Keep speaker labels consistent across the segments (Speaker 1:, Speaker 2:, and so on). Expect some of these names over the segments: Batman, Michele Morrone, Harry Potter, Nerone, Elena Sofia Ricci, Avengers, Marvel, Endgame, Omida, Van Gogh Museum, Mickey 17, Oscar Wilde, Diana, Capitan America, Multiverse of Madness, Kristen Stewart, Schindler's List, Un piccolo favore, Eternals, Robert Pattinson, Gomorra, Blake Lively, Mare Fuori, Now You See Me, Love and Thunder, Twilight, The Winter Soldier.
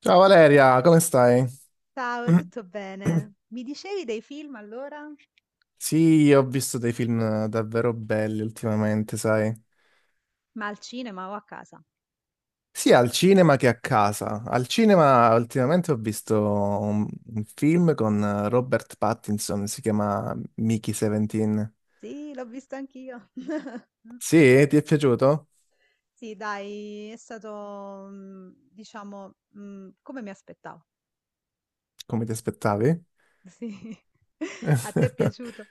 Speaker 1: Ciao Valeria, come stai?
Speaker 2: Ciao, tutto bene? Mi dicevi dei film allora?
Speaker 1: Sì, ho visto dei film davvero belli ultimamente, sai?
Speaker 2: Ma al cinema o a casa?
Speaker 1: Sia al cinema che a casa. Al cinema ultimamente ho visto un film con Robert Pattinson, si chiama Mickey 17.
Speaker 2: Sì, l'ho visto anch'io.
Speaker 1: Sì, ti è piaciuto?
Speaker 2: Sì, dai, è stato, diciamo, come mi aspettavo.
Speaker 1: Come ti aspettavi?
Speaker 2: Sì. A te è piaciuto?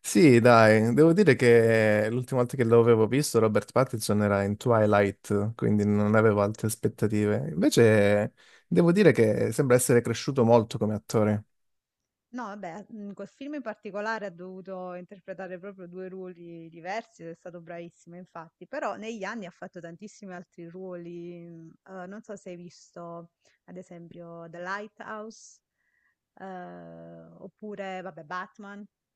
Speaker 1: Sì, dai, devo dire che l'ultima volta che l'avevo visto Robert Pattinson era in Twilight, quindi non avevo altre aspettative. Invece devo dire che sembra essere cresciuto molto come attore.
Speaker 2: No, vabbè, in quel film in particolare ha dovuto interpretare proprio due ruoli diversi ed è stato bravissimo, infatti, però negli anni ha fatto tantissimi altri ruoli, non so se hai visto, ad esempio, The Lighthouse, eh, oppure, vabbè, Batman, ha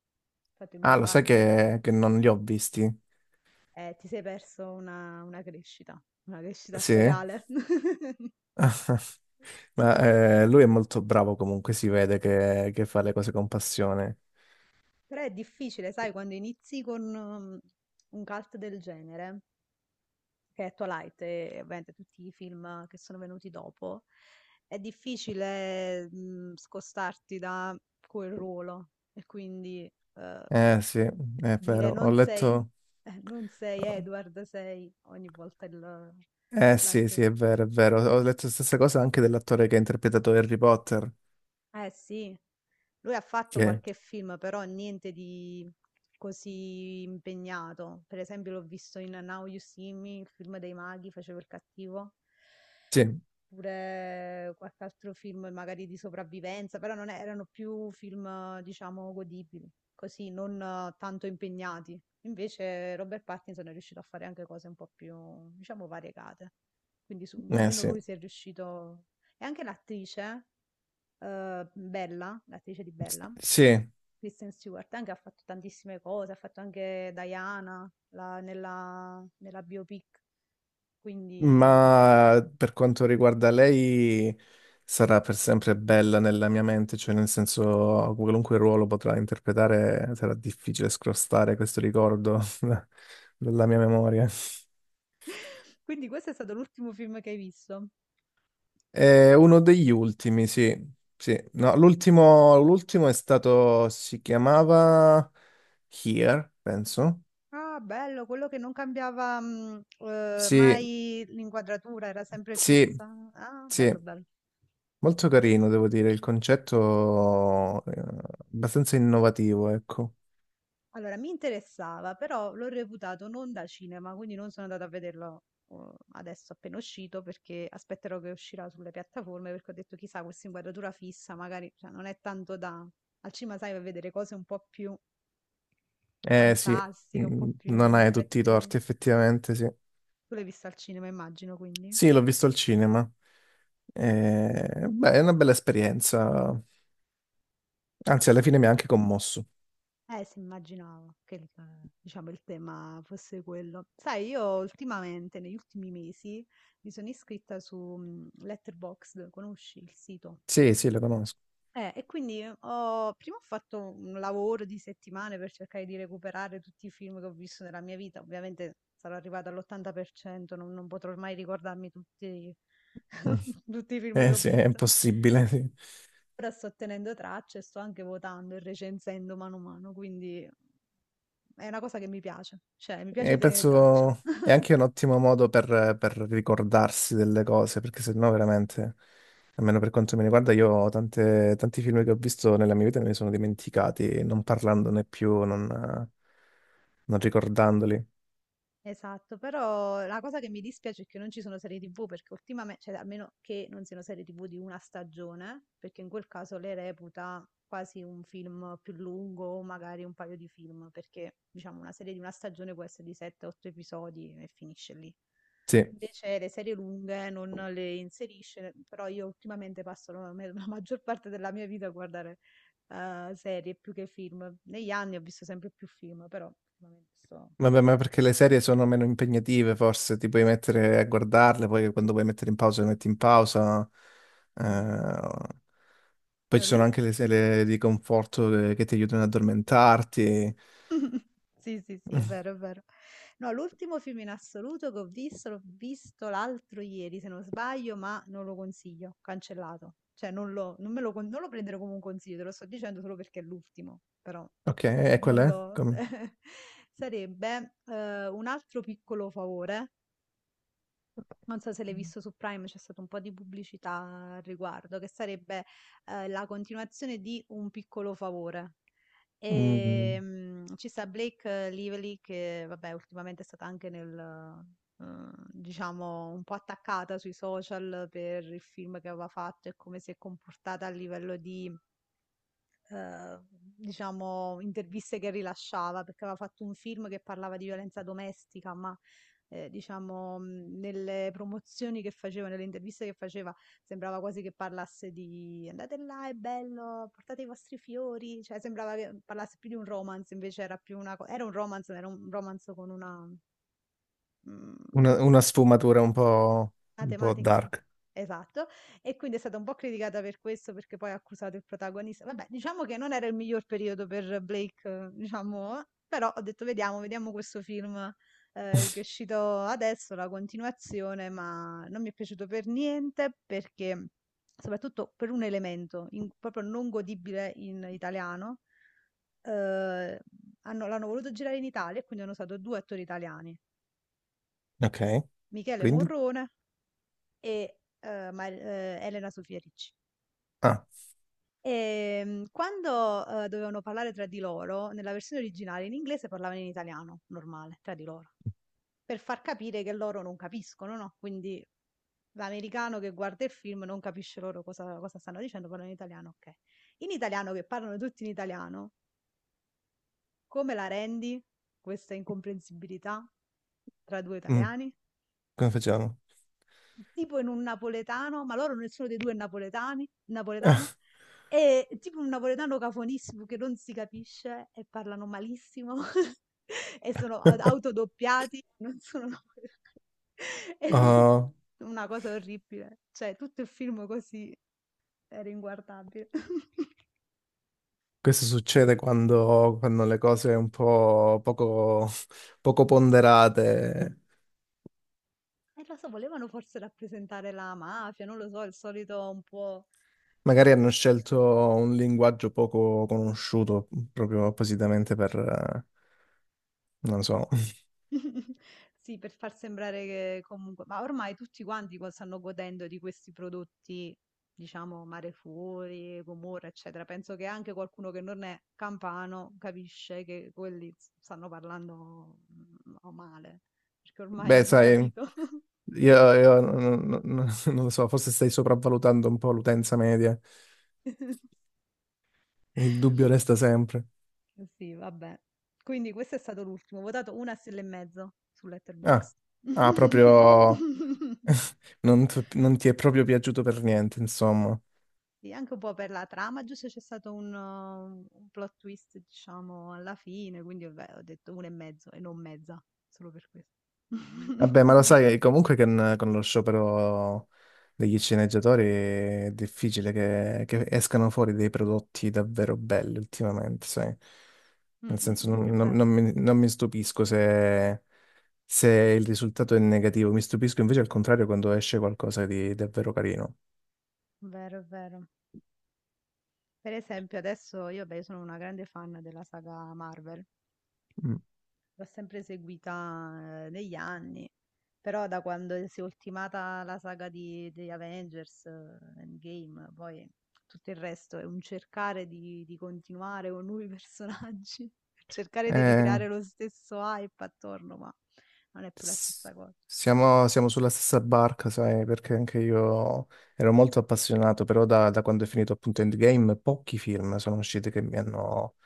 Speaker 2: fatto il
Speaker 1: Ah,
Speaker 2: nuovo
Speaker 1: lo sai
Speaker 2: Batman,
Speaker 1: che non li ho visti?
Speaker 2: e ti sei perso una crescita, una crescita
Speaker 1: Sì?
Speaker 2: attoriale.
Speaker 1: Ma lui è molto bravo comunque, si vede che fa le cose con passione.
Speaker 2: Però è difficile, sai, quando inizi con un cult del genere che è Twilight e ovviamente tutti i film che sono venuti dopo, è difficile scostarti da quel ruolo e quindi
Speaker 1: Eh sì, è
Speaker 2: dire
Speaker 1: vero, ho
Speaker 2: non sei,
Speaker 1: letto...
Speaker 2: eh, non sei Edward, sei ogni volta il,
Speaker 1: Eh sì, sì,
Speaker 2: l'attore.
Speaker 1: è vero, è vero. Ho letto la stessa cosa anche dell'attore che ha interpretato Harry Potter.
Speaker 2: Eh sì, lui ha fatto
Speaker 1: Che...
Speaker 2: qualche film, però niente di così impegnato. Per esempio l'ho visto in Now You See Me, il film dei maghi, facevo il cattivo.
Speaker 1: Sì,
Speaker 2: Oppure qualche altro film magari di sopravvivenza, però non è- erano più film, diciamo, godibili, così, non tanto impegnati. Invece Robert Pattinson è riuscito a fare anche cose un po' più, diciamo, variegate. Quindi
Speaker 1: eh
Speaker 2: almeno
Speaker 1: sì.
Speaker 2: lui si è riuscito... E anche l'attrice, Bella, l'attrice di Bella,
Speaker 1: Sì,
Speaker 2: Kristen Stewart, anche ha fatto tantissime cose, ha fatto anche Diana nella biopic. Quindi
Speaker 1: ma per quanto riguarda lei sarà per sempre bella nella mia mente, cioè nel senso qualunque ruolo potrà interpretare sarà difficile scrostare questo ricordo dalla mia memoria.
Speaker 2: Quindi questo è stato l'ultimo film che hai visto?
Speaker 1: È uno degli ultimi, sì. Sì. No, l'ultimo è stato, si chiamava Here, penso.
Speaker 2: Ah, bello, quello che non cambiava
Speaker 1: Sì,
Speaker 2: mai l'inquadratura, era sempre
Speaker 1: sì,
Speaker 2: fissa. Ah,
Speaker 1: sì.
Speaker 2: bello, bello.
Speaker 1: Molto carino, devo dire, il concetto è abbastanza innovativo, ecco.
Speaker 2: Allora, mi interessava, però l'ho reputato non da cinema, quindi non sono andata a vederlo eh, adesso appena uscito, perché aspetterò che uscirà sulle piattaforme, perché ho detto, chissà, questa inquadratura fissa, magari, cioè, non è tanto da... Al cinema, sai, vai a vedere cose un po' più
Speaker 1: Eh sì,
Speaker 2: fantastiche, un
Speaker 1: mm,
Speaker 2: po'
Speaker 1: non
Speaker 2: più
Speaker 1: hai tutti i
Speaker 2: effetti...
Speaker 1: torti, effettivamente, sì.
Speaker 2: Tu l'hai visto al cinema, immagino, quindi?
Speaker 1: Sì, l'ho visto al cinema. Beh, è una bella esperienza. Anzi, alla fine mi ha anche commosso.
Speaker 2: Sì, immaginavo che diciamo, il tema fosse quello. Sai, io ultimamente, negli ultimi mesi, mi sono iscritta su Letterboxd, conosci il sito?
Speaker 1: Sì, sì, lo conosco.
Speaker 2: E quindi prima ho fatto un lavoro di settimane per cercare di recuperare tutti i film che ho visto nella mia vita. Ovviamente sarò arrivata all'80%, non potrò mai ricordarmi tutti,
Speaker 1: Mm.
Speaker 2: tutti i film che
Speaker 1: Eh
Speaker 2: ho
Speaker 1: sì, è
Speaker 2: visto.
Speaker 1: impossibile. Sì.
Speaker 2: Ora sto tenendo traccia e sto anche votando e recensendo mano a mano, quindi è una cosa che mi piace, cioè mi piace
Speaker 1: E
Speaker 2: tenere traccia.
Speaker 1: penso è anche un ottimo modo per ricordarsi delle cose, perché sennò veramente, almeno per quanto mi riguarda, io ho tanti film che ho visto nella mia vita e me li sono dimenticati, non parlandone più, non, non ricordandoli.
Speaker 2: Esatto, però la cosa che mi dispiace è che non ci sono serie TV perché ultimamente, cioè almeno che non siano serie TV di una stagione, perché in quel caso le reputa quasi un film più lungo o magari un paio di film, perché diciamo una serie di una stagione può essere di 7-8 episodi e finisce lì.
Speaker 1: Sì.
Speaker 2: Invece le serie lunghe non le inserisce, però io ultimamente passo la maggior parte della mia vita a guardare serie più che film. Negli anni ho visto sempre più film, però ultimamente
Speaker 1: Vabbè, ma
Speaker 2: sto-
Speaker 1: perché le serie sono meno impegnative, forse ti puoi mettere a guardarle, poi quando vuoi mettere in pausa, le metti in pausa.
Speaker 2: sì.
Speaker 1: Eh, poi
Speaker 2: No,
Speaker 1: ci sono anche le serie di conforto che ti aiutano ad addormentarti.
Speaker 2: Sì, sì, sì,
Speaker 1: Mm,
Speaker 2: è vero, è vero. No, l'ultimo film in assoluto che ho visto, l'ho visto l'altro ieri, se non sbaglio, ma non lo consiglio, cancellato. Cioè, non lo prendere come un consiglio, te lo sto dicendo solo perché è l'ultimo, però
Speaker 1: ok, e
Speaker 2: non
Speaker 1: quella è?
Speaker 2: lo...
Speaker 1: Come...
Speaker 2: Sarebbe un altro piccolo favore, non so se l'hai visto su Prime, c'è stata un po' di pubblicità al riguardo, che sarebbe la continuazione di Un piccolo favore. E
Speaker 1: Mm,
Speaker 2: ci sta Blake Lively che, vabbè, ultimamente è stata anche nel, eh, diciamo, un po' attaccata sui social per il film che aveva fatto e come si è comportata a livello di eh, diciamo, interviste che rilasciava, perché aveva fatto un film che parlava di violenza domestica, ma diciamo, nelle promozioni che faceva, nelle interviste che faceva, sembrava quasi che parlasse di andate là, è bello, portate i vostri fiori, cioè sembrava che parlasse più di un romance, invece era più era un romance, ma era un romance con mm,
Speaker 1: una sfumatura
Speaker 2: la
Speaker 1: un po'
Speaker 2: tematica
Speaker 1: dark.
Speaker 2: esatto. E quindi è stata un po' criticata per questo, perché poi ha accusato il protagonista. Vabbè, diciamo che non era il miglior periodo per Blake, diciamo, però ho detto vediamo, vediamo questo film che è uscito adesso, la continuazione, ma non mi è piaciuto per niente perché, soprattutto per un elemento proprio non godibile in italiano, eh, l'hanno voluto girare in Italia e quindi hanno usato due attori italiani,
Speaker 1: Ok,
Speaker 2: Michele
Speaker 1: quindi?
Speaker 2: Morrone e, Mar Elena Sofia Ricci.
Speaker 1: Ah,
Speaker 2: Quando, dovevano parlare tra di loro, nella versione originale in inglese parlavano in italiano, normale, tra di loro, per far capire che loro non capiscono, no, quindi l'americano che guarda il film non capisce loro cosa stanno dicendo, parlano in italiano, okay. In italiano che parlano tutti in italiano, come la rendi questa incomprensibilità tra 2
Speaker 1: mm,
Speaker 2: italiani?
Speaker 1: come facciamo?
Speaker 2: Tipo in un napoletano, ma loro nessuno dei 2 è napoletani napoletano. Tipo un napoletano cafonissimo che non si capisce e parlano malissimo e sono a autodoppiati, non sono napoletani. E non
Speaker 1: Ah,
Speaker 2: una cosa orribile. Cioè, tutto il film così era inguardabile.
Speaker 1: questo succede quando, quando le cose un po' poco, poco ponderate,
Speaker 2: E lo so, volevano forse rappresentare la mafia, non lo so, il solito un po', ehm
Speaker 1: magari hanno scelto un linguaggio poco conosciuto proprio appositamente per, non lo so.
Speaker 2: Sì, per far sembrare che comunque, ma ormai tutti quanti stanno godendo di questi prodotti, diciamo, Mare Fuori, Gomorra, eccetera. Penso che anche qualcuno che non è campano capisce che quelli stanno parlando o male, perché ormai
Speaker 1: Beh,
Speaker 2: hanno
Speaker 1: sai,
Speaker 2: capito.
Speaker 1: io non, non lo so, forse stai sopravvalutando un po' l'utenza media. Il dubbio resta sempre.
Speaker 2: Sì, vabbè. Quindi questo è stato l'ultimo. Ho votato una stella e mezzo su
Speaker 1: Ah,
Speaker 2: Letterboxd.
Speaker 1: ah, proprio non, non ti è proprio piaciuto per niente, insomma.
Speaker 2: Sì, anche un po' per la trama, giusto c'è stato un plot twist, diciamo, alla fine, quindi vabbè, ho detto uno e mezzo e non mezza, solo per questo.
Speaker 1: Vabbè, ma lo sai comunque che con lo sciopero degli sceneggiatori è difficile che escano fuori dei prodotti davvero belli ultimamente, sai?
Speaker 2: Mm,
Speaker 1: Nel
Speaker 2: mm,
Speaker 1: senso,
Speaker 2: mm,
Speaker 1: non,
Speaker 2: è vero,
Speaker 1: non mi, non mi stupisco se, se il risultato è negativo, mi stupisco invece al contrario quando esce qualcosa di davvero carino.
Speaker 2: è vero, è vero. Per esempio, adesso io, beh, sono una grande fan della saga Marvel.
Speaker 1: Mm.
Speaker 2: L'ho sempre seguita negli anni, però da quando si è ultimata la saga di Avengers Endgame, poi tutto il resto è un cercare di continuare con nuovi personaggi, cercare di
Speaker 1: Eh,
Speaker 2: ricreare lo stesso hype attorno, ma non è più la
Speaker 1: S-
Speaker 2: stessa cosa.
Speaker 1: siamo, siamo sulla stessa barca, sai, perché anche io ero molto appassionato, però da, da quando è finito appunto Endgame pochi film sono usciti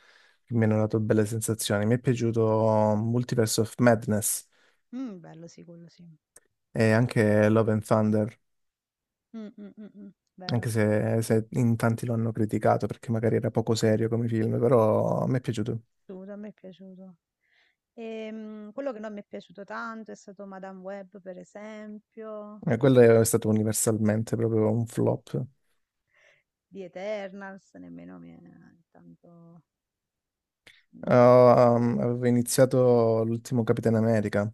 Speaker 1: che mi hanno dato belle sensazioni. Mi è piaciuto Multiverse of Madness
Speaker 2: Mm, bello sì, quello sì.
Speaker 1: e anche Love and Thunder,
Speaker 2: Mm, mm, mm, mm,
Speaker 1: anche
Speaker 2: vero,
Speaker 1: se, se in tanti lo hanno criticato perché magari era poco serio come film, però mi è piaciuto.
Speaker 2: assolutamente, a me è piaciuto. Quello che non mi è piaciuto tanto è stato Madame Web, per esempio.
Speaker 1: E quello è stato universalmente proprio un flop.
Speaker 2: Di Eternals, nemmeno mi è tanto... mm.
Speaker 1: Avevo iniziato l'ultimo Capitan America.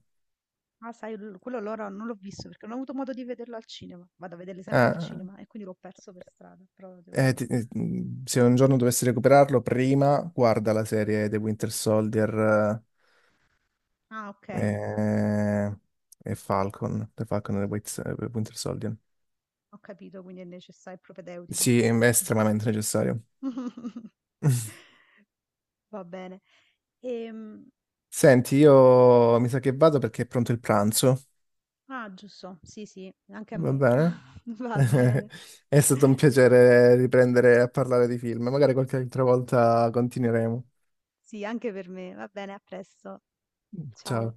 Speaker 2: Ah, sai, quello allora non l'ho visto perché non ho avuto modo di vederlo al cinema. Vado a vederli sempre al
Speaker 1: Ah,
Speaker 2: cinema e quindi l'ho perso per strada. Però
Speaker 1: eh,
Speaker 2: devo...
Speaker 1: se un giorno dovessi recuperarlo, prima guarda la serie The Winter Soldier
Speaker 2: Ah, ok,
Speaker 1: eh, e Falcon, The Falcon e The Winter Soldier.
Speaker 2: ho capito, quindi è necessario, è propedeutico.
Speaker 1: Sì, è estremamente necessario.
Speaker 2: Va bene. Ehm,
Speaker 1: Senti, io mi sa che vado perché è pronto il pranzo,
Speaker 2: ah, giusto, sì, sì, anche a
Speaker 1: va
Speaker 2: me.
Speaker 1: bene?
Speaker 2: Va bene,
Speaker 1: È stato un piacere riprendere a parlare di film, magari qualche altra volta continueremo.
Speaker 2: sì, anche per me. Va bene, a presto.
Speaker 1: Ciao.
Speaker 2: Ciao.